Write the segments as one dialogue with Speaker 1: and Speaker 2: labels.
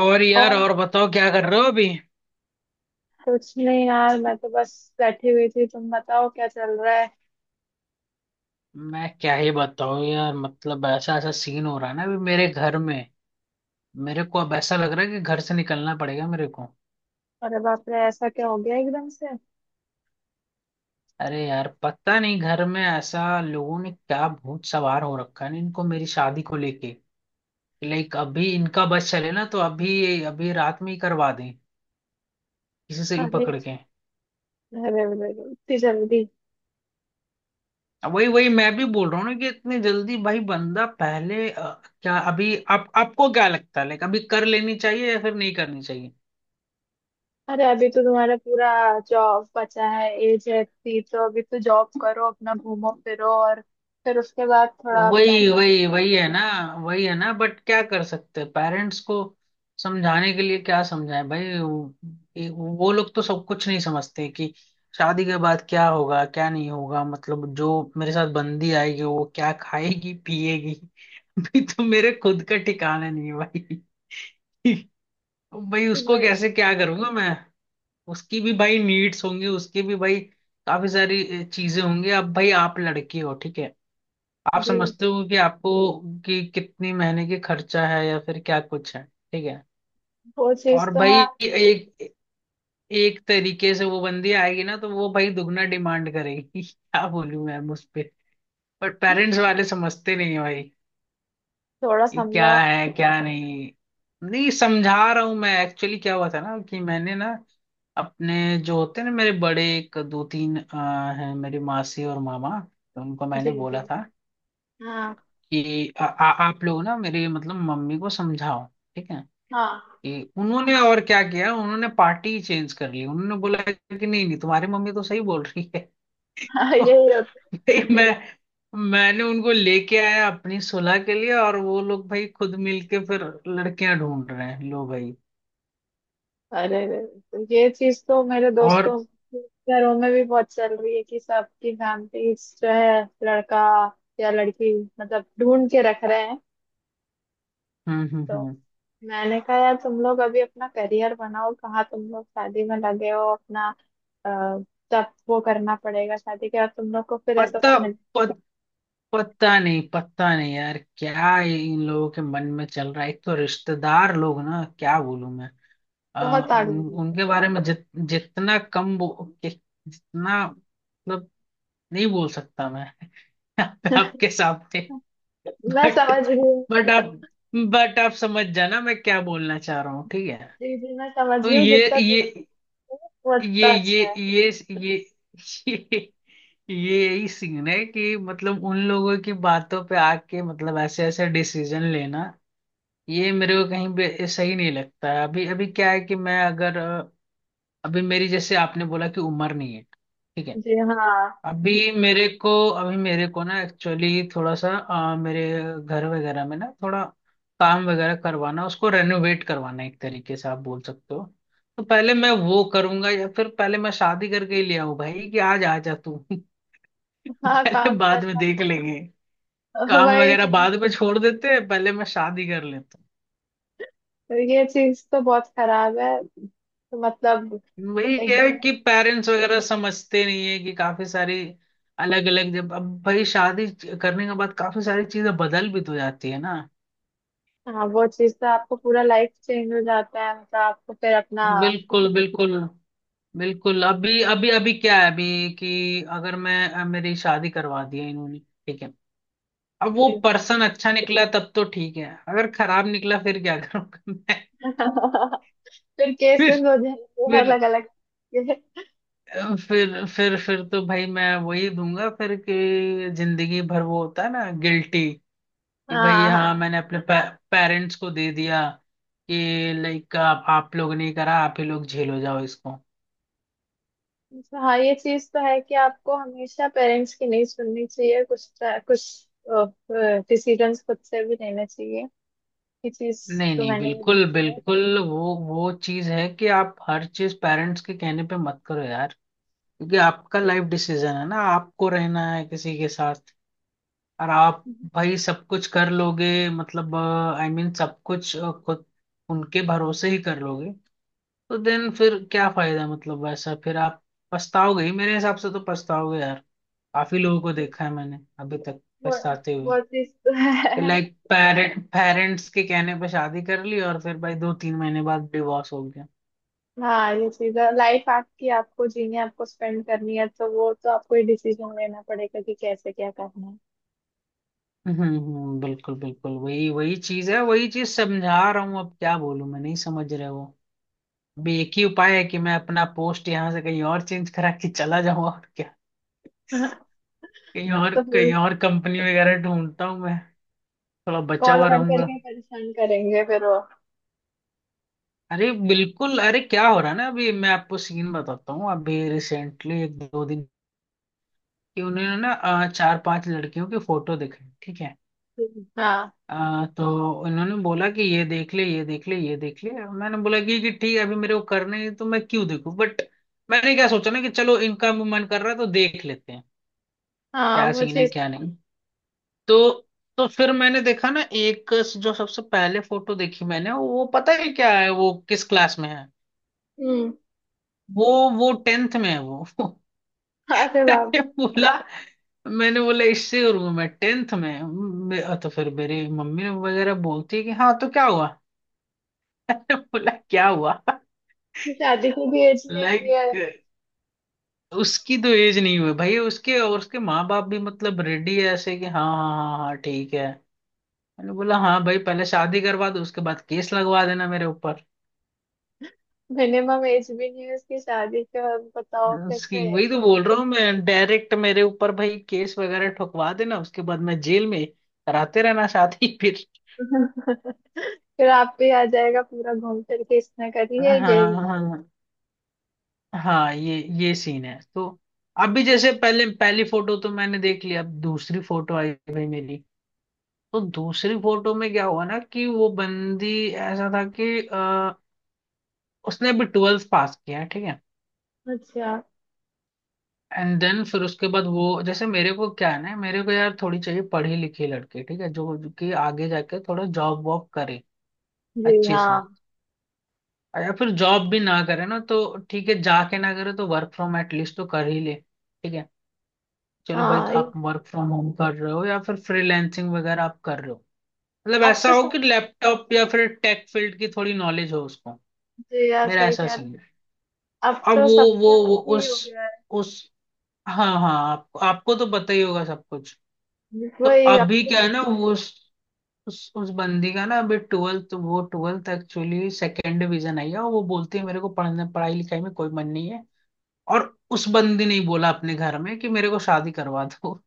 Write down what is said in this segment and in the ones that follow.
Speaker 1: और यार
Speaker 2: और
Speaker 1: और बताओ क्या कर रहे हो अभी।
Speaker 2: कुछ नहीं यार, मैं तो बस बैठी हुई थी। तुम बताओ क्या चल रहा है।
Speaker 1: मैं क्या ही बताऊं यार, मतलब ऐसा ऐसा सीन हो रहा है ना अभी मेरे घर में। मेरे को अब ऐसा लग रहा है कि घर से निकलना पड़ेगा मेरे को।
Speaker 2: अरे बाप रे, ऐसा क्या हो गया एकदम से।
Speaker 1: अरे यार, पता नहीं घर में ऐसा लोगों ने क्या भूत सवार हो रखा है ना इनको मेरी शादी को लेके। लाइक अभी इनका बस चले ना तो अभी अभी रात में ही करवा दें किसी से भी
Speaker 2: अरे
Speaker 1: पकड़ के।
Speaker 2: अरे अरे, इतनी जल्दी।
Speaker 1: अब वही वही मैं भी बोल रहा हूँ ना कि इतनी जल्दी भाई, बंदा पहले क्या अभी, आप आपको क्या लगता है लाइक अभी कर लेनी चाहिए या फिर नहीं करनी।
Speaker 2: अरे अभी तो तुम्हारा पूरा जॉब बचा है, एज है इतनी। तो अभी तो जॉब करो, अपना घूमो फिरो, और फिर उसके बाद थोड़ा
Speaker 1: वही
Speaker 2: प्लानिंग।
Speaker 1: वही वही है ना। वही है ना, बट क्या कर सकते हैं पेरेंट्स को समझाने के लिए, क्या समझाएं भाई वो। ये- वो लोग तो सब कुछ नहीं समझते कि शादी के बाद क्या होगा क्या नहीं होगा, मतलब जो मेरे साथ बंदी आएगी वो क्या खाएगी पिएगी अभी तो मेरे खुद का ठिकाना नहीं है भाई भाई उसको कैसे क्या करूंगा मैं। उसकी भी भाई नीड्स होंगी, उसकी भी भाई काफी सारी चीजें होंगी। अब भाई आप लड़के हो, ठीक है, आप
Speaker 2: जी,
Speaker 1: समझते हो कि आपको कि कितनी महीने की खर्चा है या फिर क्या कुछ है, ठीक है।
Speaker 2: वो चीज
Speaker 1: और
Speaker 2: तो है
Speaker 1: भाई
Speaker 2: आप।
Speaker 1: एक एक तरीके से वो बंदी आएगी ना तो वो भाई दुगना डिमांड करेगी क्या बोलूं मैं उस पे। बट पेरेंट्स वाले समझते नहीं है भाई
Speaker 2: थोड़ा
Speaker 1: कि क्या
Speaker 2: समझाओ।
Speaker 1: है क्या नहीं। नहीं, समझा रहा हूँ मैं, एक्चुअली क्या हुआ था ना कि मैंने ना अपने जो होते हैं ना मेरे बड़े एक दो तीन हैं, मेरी मासी और मामा। तो उनको मैंने
Speaker 2: जी
Speaker 1: बोला
Speaker 2: जी,
Speaker 1: था
Speaker 2: हाँ
Speaker 1: कि आ, आ, आप लोग ना मेरे मतलब मम्मी को समझाओ, ठीक है।
Speaker 2: हाँ।
Speaker 1: कि उन्होंने और क्या किया, उन्होंने पार्टी चेंज कर ली। उन्होंने बोला कि नहीं नहीं तुम्हारी मम्मी तो सही बोल रही है तो
Speaker 2: यही।
Speaker 1: भाई मैंने उनको लेके आया अपनी सुलह के लिए और वो लोग भाई खुद मिलके फिर लड़कियां ढूंढ रहे हैं, लो भाई।
Speaker 2: अरे रे, तो ये चीज तो मेरे
Speaker 1: और
Speaker 2: दोस्तों के घरों में भी बहुत चल रही है कि सबकी फैमिलीज जो है लड़का या लड़की मतलब ढूंढ के रख रहे हैं।
Speaker 1: हम्म हम्म
Speaker 2: तो
Speaker 1: हम्म
Speaker 2: मैंने कहा यार, तुम लोग अभी अपना करियर बनाओ, कहाँ तुम लोग शादी में लगे हो अपना। अ, सब वो करना पड़ेगा शादी के बाद। तुम लोग को फिर ऐसा
Speaker 1: पता
Speaker 2: सब मिल
Speaker 1: पत, पता नहीं यार क्या इन लोगों के मन में चल रहा है। एक तो रिश्तेदार लोग ना, क्या बोलूं मैं अ,
Speaker 2: बहुत आगे
Speaker 1: उन,
Speaker 2: बढ़ोगे।
Speaker 1: उनके बारे में, जित, जितना कम बो, कि, जितना मतलब नहीं बोल सकता मैं आपके सामने।
Speaker 2: मैं
Speaker 1: बट
Speaker 2: समझ रही हूँ।
Speaker 1: बट आप बट आप समझ जाना मैं क्या बोलना चाह रहा हूँ, ठीक है।
Speaker 2: जी जी, मैं समझ
Speaker 1: तो
Speaker 2: रही हूँ, जितना दूर हो,
Speaker 1: ये
Speaker 2: उतना अच्छा
Speaker 1: ये
Speaker 2: है।
Speaker 1: ये ये ये ये यही सीन है कि मतलब उन लोगों की बातों पे आके मतलब ऐसे ऐसे डिसीजन लेना, ये मेरे को कहीं भी सही नहीं लगता है। अभी अभी क्या है कि मैं अगर अभी, मेरी जैसे आपने बोला कि उम्र नहीं है, ठीक है,
Speaker 2: जी हाँ,
Speaker 1: अभी मेरे को, ना एक्चुअली थोड़ा सा मेरे घर वगैरह में ना थोड़ा काम वगैरह करवाना, उसको रेनोवेट करवाना एक तरीके से आप बोल सकते हो। तो पहले मैं वो करूंगा या फिर पहले मैं शादी करके ही ले आऊं भाई कि आज आ जा तू
Speaker 2: हाँ
Speaker 1: पहले
Speaker 2: काम सर।
Speaker 1: बाद में देख लेंगे, काम
Speaker 2: वही,
Speaker 1: वगैरह बाद में छोड़ देते हैं पहले मैं शादी कर लेता हूं।
Speaker 2: तो ये चीज तो बहुत खराब है। तो मतलब
Speaker 1: वही है
Speaker 2: एकदम।
Speaker 1: कि पेरेंट्स वगैरह समझते नहीं है कि काफी सारी अलग अलग, जब अब भाई शादी करने के बाद काफी सारी चीजें बदल भी तो जाती है ना।
Speaker 2: हाँ, वो चीज तो आपको पूरा लाइफ चेंज हो जाता है, मतलब आपको फिर अपना।
Speaker 1: बिल्कुल बिल्कुल बिल्कुल, अभी अभी अभी क्या है अभी कि अगर मैं मेरी शादी करवा दी है इन्होंने, ठीक है, अब वो
Speaker 2: जी।
Speaker 1: पर्सन अच्छा निकला तब तो ठीक है, अगर खराब निकला फिर क्या करूंगा?
Speaker 2: फिर
Speaker 1: मैं
Speaker 2: केसेस हो जाएंगे
Speaker 1: फिर
Speaker 2: अलग अलग।
Speaker 1: अ, फिर तो भाई मैं वही दूंगा फिर कि जिंदगी भर वो होता है ना, गिल्टी कि भाई
Speaker 2: हाँ
Speaker 1: हाँ
Speaker 2: हाँ।
Speaker 1: मैंने अपने पेरेंट्स को दे दिया कि लाइक, आप लोग नहीं करा, आप ही लोग झेलो जाओ इसको।
Speaker 2: तो हाँ, ये चीज तो है कि आपको हमेशा पेरेंट्स की नहीं सुननी चाहिए। कुछ कुछ डिसीजंस खुद से भी लेना चाहिए। ये चीज
Speaker 1: नहीं
Speaker 2: तो
Speaker 1: नहीं,
Speaker 2: मैंने भी
Speaker 1: बिल्कुल
Speaker 2: देखी है।
Speaker 1: बिल्कुल, वो चीज है कि आप हर चीज पेरेंट्स के कहने पे मत करो यार, क्योंकि आपका लाइफ डिसीजन है ना, आपको रहना है किसी के साथ। और आप भाई सब कुछ कर लोगे, मतलब आई मीन सब कुछ खुद उनके भरोसे ही कर लोगे, तो देन फिर क्या फायदा? मतलब वैसा फिर आप पछताओगे ही, मेरे हिसाब से तो पछताओगे यार। काफी लोगों को देखा है मैंने अभी तक
Speaker 2: वो
Speaker 1: पछताते हुए,
Speaker 2: वो चीज तो है।
Speaker 1: लाइक पेरेंट्स के कहने पर शादी कर ली और फिर भाई 2-3 महीने बाद डिवोर्स हो गया।
Speaker 2: हाँ, ये चीज है, लाइफ आपकी, आपको जीनी है, आपको स्पेंड करनी है। तो वो तो आपको ही डिसीजन लेना पड़ेगा कि कैसे क्या करना है।
Speaker 1: बिल्कुल बिल्कुल, वही वही चीज है, वही चीज समझा रहा हूँ। अब क्या बोलूं मैं, नहीं समझ रहे वो। अभी एक ही उपाय है कि मैं अपना पोस्ट यहाँ से कहीं और चेंज करा के चला जाऊँ, और क्या।
Speaker 2: हाँ,
Speaker 1: कहीं और
Speaker 2: तो फिर
Speaker 1: कहीं और कंपनी वगैरह ढूंढता हूँ मैं, थोड़ा बचा
Speaker 2: कॉल
Speaker 1: हुआ
Speaker 2: कर
Speaker 1: रहूंगा।
Speaker 2: करके परेशान करेंगे फिर वो।
Speaker 1: अरे बिल्कुल, अरे क्या हो रहा है ना अभी, मैं आपको सीन बताता हूँ। अभी रिसेंटली 1-2 दिन कि उन्होंने ना 4-5 लड़कियों के फोटो दिखे, ठीक है।
Speaker 2: हाँ
Speaker 1: तो उन्होंने बोला कि ये देख ले ये देख ले ये देख ले। मैंने बोला कि ठीक है, अभी मेरे को करने हैं तो मैं क्यों देखूं, बट मैंने क्या सोचा ना कि चलो इनका भी मन कर रहा है तो देख लेते हैं,
Speaker 2: हाँ,
Speaker 1: क्या
Speaker 2: वो
Speaker 1: सीन है
Speaker 2: चीज।
Speaker 1: क्या नहीं। तो तो फिर मैंने देखा ना एक जो सबसे पहले फोटो देखी मैंने, वो पता है क्या है वो किस क्लास में है?
Speaker 2: हम्म।
Speaker 1: वो वो 10th में है वो
Speaker 2: अरे बाप
Speaker 1: मैंने
Speaker 2: रे,
Speaker 1: बोला मैंने बोला इससे? और मैं 10th में! तो फिर मेरी मम्मी वगैरह बोलती है कि हाँ तो क्या हुआ मैंने बोला क्या हुआ?
Speaker 2: उसकी शादी की भी एज नहीं हुई
Speaker 1: लाइक
Speaker 2: है।
Speaker 1: उसकी तो एज नहीं हुई भाई, उसके माँ बाप भी मतलब रेडी है ऐसे कि हाँ हाँ हाँ हाँ ठीक है। मैंने बोला हाँ भाई पहले शादी करवा दो उसके बाद केस लगवा देना मेरे ऊपर
Speaker 2: मिनिमम एज भी नहीं है उसकी शादी के, और बताओ
Speaker 1: उसकी।
Speaker 2: कैसे।
Speaker 1: वही तो बोल रहा हूँ मैं, डायरेक्ट मेरे ऊपर भाई केस वगैरह ठुकवा देना उसके बाद मैं जेल में कराते रहना शादी फिर।
Speaker 2: फिर आप भी आ जाएगा, पूरा घूम फिर के इसने करी है
Speaker 1: हाँ
Speaker 2: यही।
Speaker 1: हाँ हाँ। हाँ ये सीन है तो। अभी जैसे पहले पहली फोटो तो मैंने देख ली, अब दूसरी फोटो आई भाई मेरी। तो दूसरी फोटो में क्या हुआ ना कि वो बंदी ऐसा था कि उसने अभी 12th पास किया है, ठीक है।
Speaker 2: अच्छा।
Speaker 1: एंड देन फिर उसके बाद वो, जैसे मेरे को क्या है ना, मेरे को यार थोड़ी चाहिए पढ़ी लिखी लड़की, ठीक है, जो जो कि आगे जाके थोड़ा जॉब वॉब करे
Speaker 2: जी
Speaker 1: अच्छे
Speaker 2: हाँ
Speaker 1: से, या फिर जॉब भी ना करे ना तो ठीक है, जाके ना करे तो वर्क फ्रॉम एटलीस्ट तो कर ही ले, ठीक है। चलो भाई
Speaker 2: हाँ।
Speaker 1: तो आप वर्क फ्रॉम होम कर रहे हो या फिर फ्रीलैंसिंग वगैरह आप कर रहे हो, मतलब
Speaker 2: अब
Speaker 1: ऐसा
Speaker 2: तो
Speaker 1: हो कि
Speaker 2: सब।
Speaker 1: लैपटॉप या फिर टेक फील्ड की थोड़ी नॉलेज हो उसको,
Speaker 2: जी हाँ,
Speaker 1: मेरा
Speaker 2: सही
Speaker 1: ऐसा
Speaker 2: कह रहे हैं।
Speaker 1: सीन है।
Speaker 2: अब
Speaker 1: अब
Speaker 2: तो सबका
Speaker 1: वो
Speaker 2: ही हो गया
Speaker 1: उस हाँ हाँ, आपको आपको तो पता ही होगा सब कुछ।
Speaker 2: है।
Speaker 1: तो
Speaker 2: वही अब
Speaker 1: अभी
Speaker 2: तो।
Speaker 1: क्या है ना उस बंदी का ना अभी, ट्वेल्थ एक्चुअली सेकेंड डिवीजन आई है और वो बोलती है मेरे को पढ़ने पढ़ाई लिखाई में कोई मन नहीं है। और उस बंदी ने ही बोला अपने घर में कि मेरे को शादी करवा दो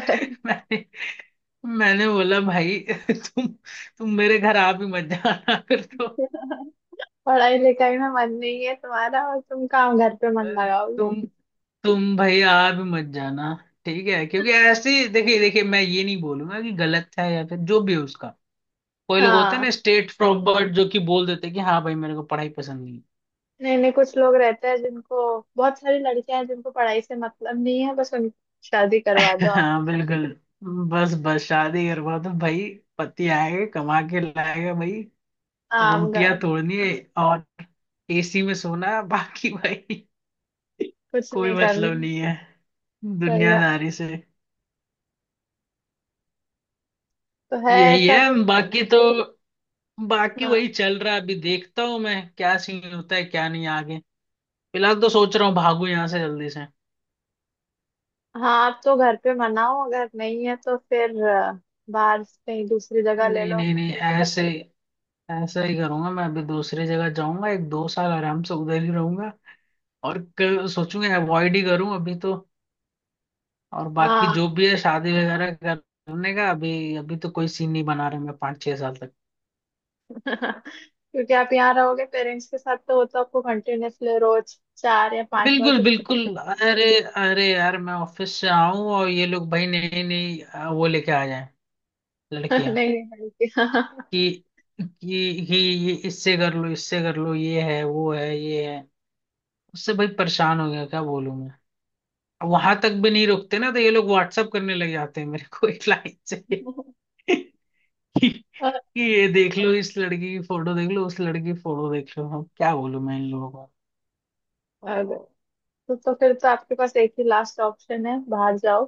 Speaker 1: मैंने मैंने बोला भाई, तुम तुम मेरे घर आ भी मत जाना फिर तो।
Speaker 2: पढ़ाई लिखाई में मन नहीं है तुम्हारा और तुम काम घर पे मन लगाओगे।
Speaker 1: तुम तुम भाई आ भी मत जाना, ठीक है, क्योंकि ऐसे देखिए देखिए, मैं ये नहीं बोलूंगा कि गलत है या फिर जो भी है उसका। कोई लोग होते हैं
Speaker 2: हाँ,
Speaker 1: ना स्टेट प्रॉपर्ट जो कि बोल देते हैं कि हाँ भाई मेरे को पढ़ाई पसंद नहीं
Speaker 2: नहीं नहीं, कुछ लोग रहते हैं जिनको, बहुत सारी लड़कियां हैं जिनको पढ़ाई से मतलब नहीं है, बस उनकी शादी करवा
Speaker 1: है।
Speaker 2: दो आप।
Speaker 1: हाँ बिल्कुल। बस बस शादी करवा तो भाई, पति आएगा कमा के लाएगा भाई,
Speaker 2: आम घर
Speaker 1: रोटियां
Speaker 2: में
Speaker 1: तोड़नी है और एसी में सोना है, बाकी भाई
Speaker 2: कुछ
Speaker 1: कोई
Speaker 2: नहीं करने
Speaker 1: मतलब
Speaker 2: में।
Speaker 1: नहीं है
Speaker 2: सही है।
Speaker 1: दुनियादारी से।
Speaker 2: तो है
Speaker 1: यही
Speaker 2: ऐसा
Speaker 1: है।
Speaker 2: कुछ।
Speaker 1: बाकी तो बाकी
Speaker 2: हाँ
Speaker 1: वही चल रहा है, अभी देखता हूँ मैं क्या सीन होता है क्या नहीं आगे। फिलहाल तो सोच रहा हूँ भागू यहाँ से जल्दी से।
Speaker 2: हाँ, आप तो घर पे मनाओ, अगर नहीं है तो फिर बाहर से कहीं दूसरी जगह ले
Speaker 1: नहीं
Speaker 2: लो
Speaker 1: नहीं नहीं,
Speaker 2: ताकि।
Speaker 1: ऐसे ऐसा ही करूंगा मैं। अभी दूसरी जगह जाऊंगा, 1-2 साल आराम से उधर ही रहूंगा और सोचूंगा अवॉइड ही करूं अभी तो, और बाकी
Speaker 2: हाँ।
Speaker 1: जो भी है शादी वगैरह करने का। अभी अभी तो कोई सीन नहीं बना रहे मैं 5-6 साल तक।
Speaker 2: क्योंकि आप यहाँ रहोगे पेरेंट्स के साथ तो वो तो आपको कंटिन्यूअसली रोज चार या पांच बार
Speaker 1: बिल्कुल
Speaker 2: तो बोलते।
Speaker 1: बिल्कुल, अरे अरे यार, मैं ऑफिस से आऊं और ये लोग भाई नई नई वो लेके आ जाएं,
Speaker 2: नहीं
Speaker 1: लड़कियां,
Speaker 2: नहीं बोलती।
Speaker 1: कि कि कि ये इससे कर लो इससे कर लो, ये है वो है ये है। उससे भाई परेशान हो गया, क्या बोलूं मैं। अब वहां तक भी नहीं रुकते ना, तो ये लोग व्हाट्सअप करने लग जाते हैं मेरे को एक लाइन से कि कि
Speaker 2: और-
Speaker 1: ये देख लो इस लड़की की फोटो देख लो उस लड़की की फोटो देख लो। अब क्या बोलूं मैं इन लोगों को।
Speaker 2: अरे, तो फिर तो आपके पास एक ही लास्ट ऑप्शन है, बाहर जाओ,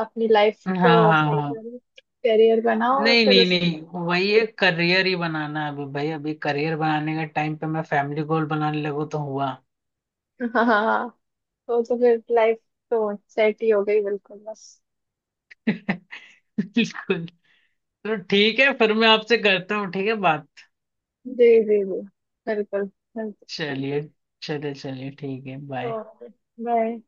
Speaker 2: अपनी लाइफ
Speaker 1: हाँ
Speaker 2: को
Speaker 1: हाँ
Speaker 2: सही
Speaker 1: हाँ,
Speaker 2: करो, करियर बनाओ और
Speaker 1: नहीं
Speaker 2: फिर
Speaker 1: नहीं
Speaker 2: उस।
Speaker 1: नहीं, वही एक करियर ही बनाना है अभी भाई। अभी करियर बनाने के टाइम पे मैं फैमिली गोल बनाने लगू तो हुआ
Speaker 2: हाँ, तो फिर लाइफ तो सेट ही हो गई बिल्कुल बस।
Speaker 1: बिल्कुल। तो ठीक है फिर मैं आपसे करता हूँ ठीक है बात।
Speaker 2: जी जी जी, बिल्कुल बिल्कुल।
Speaker 1: चलिए चलिए चलिए ठीक है, बाय।
Speaker 2: Okay, bye.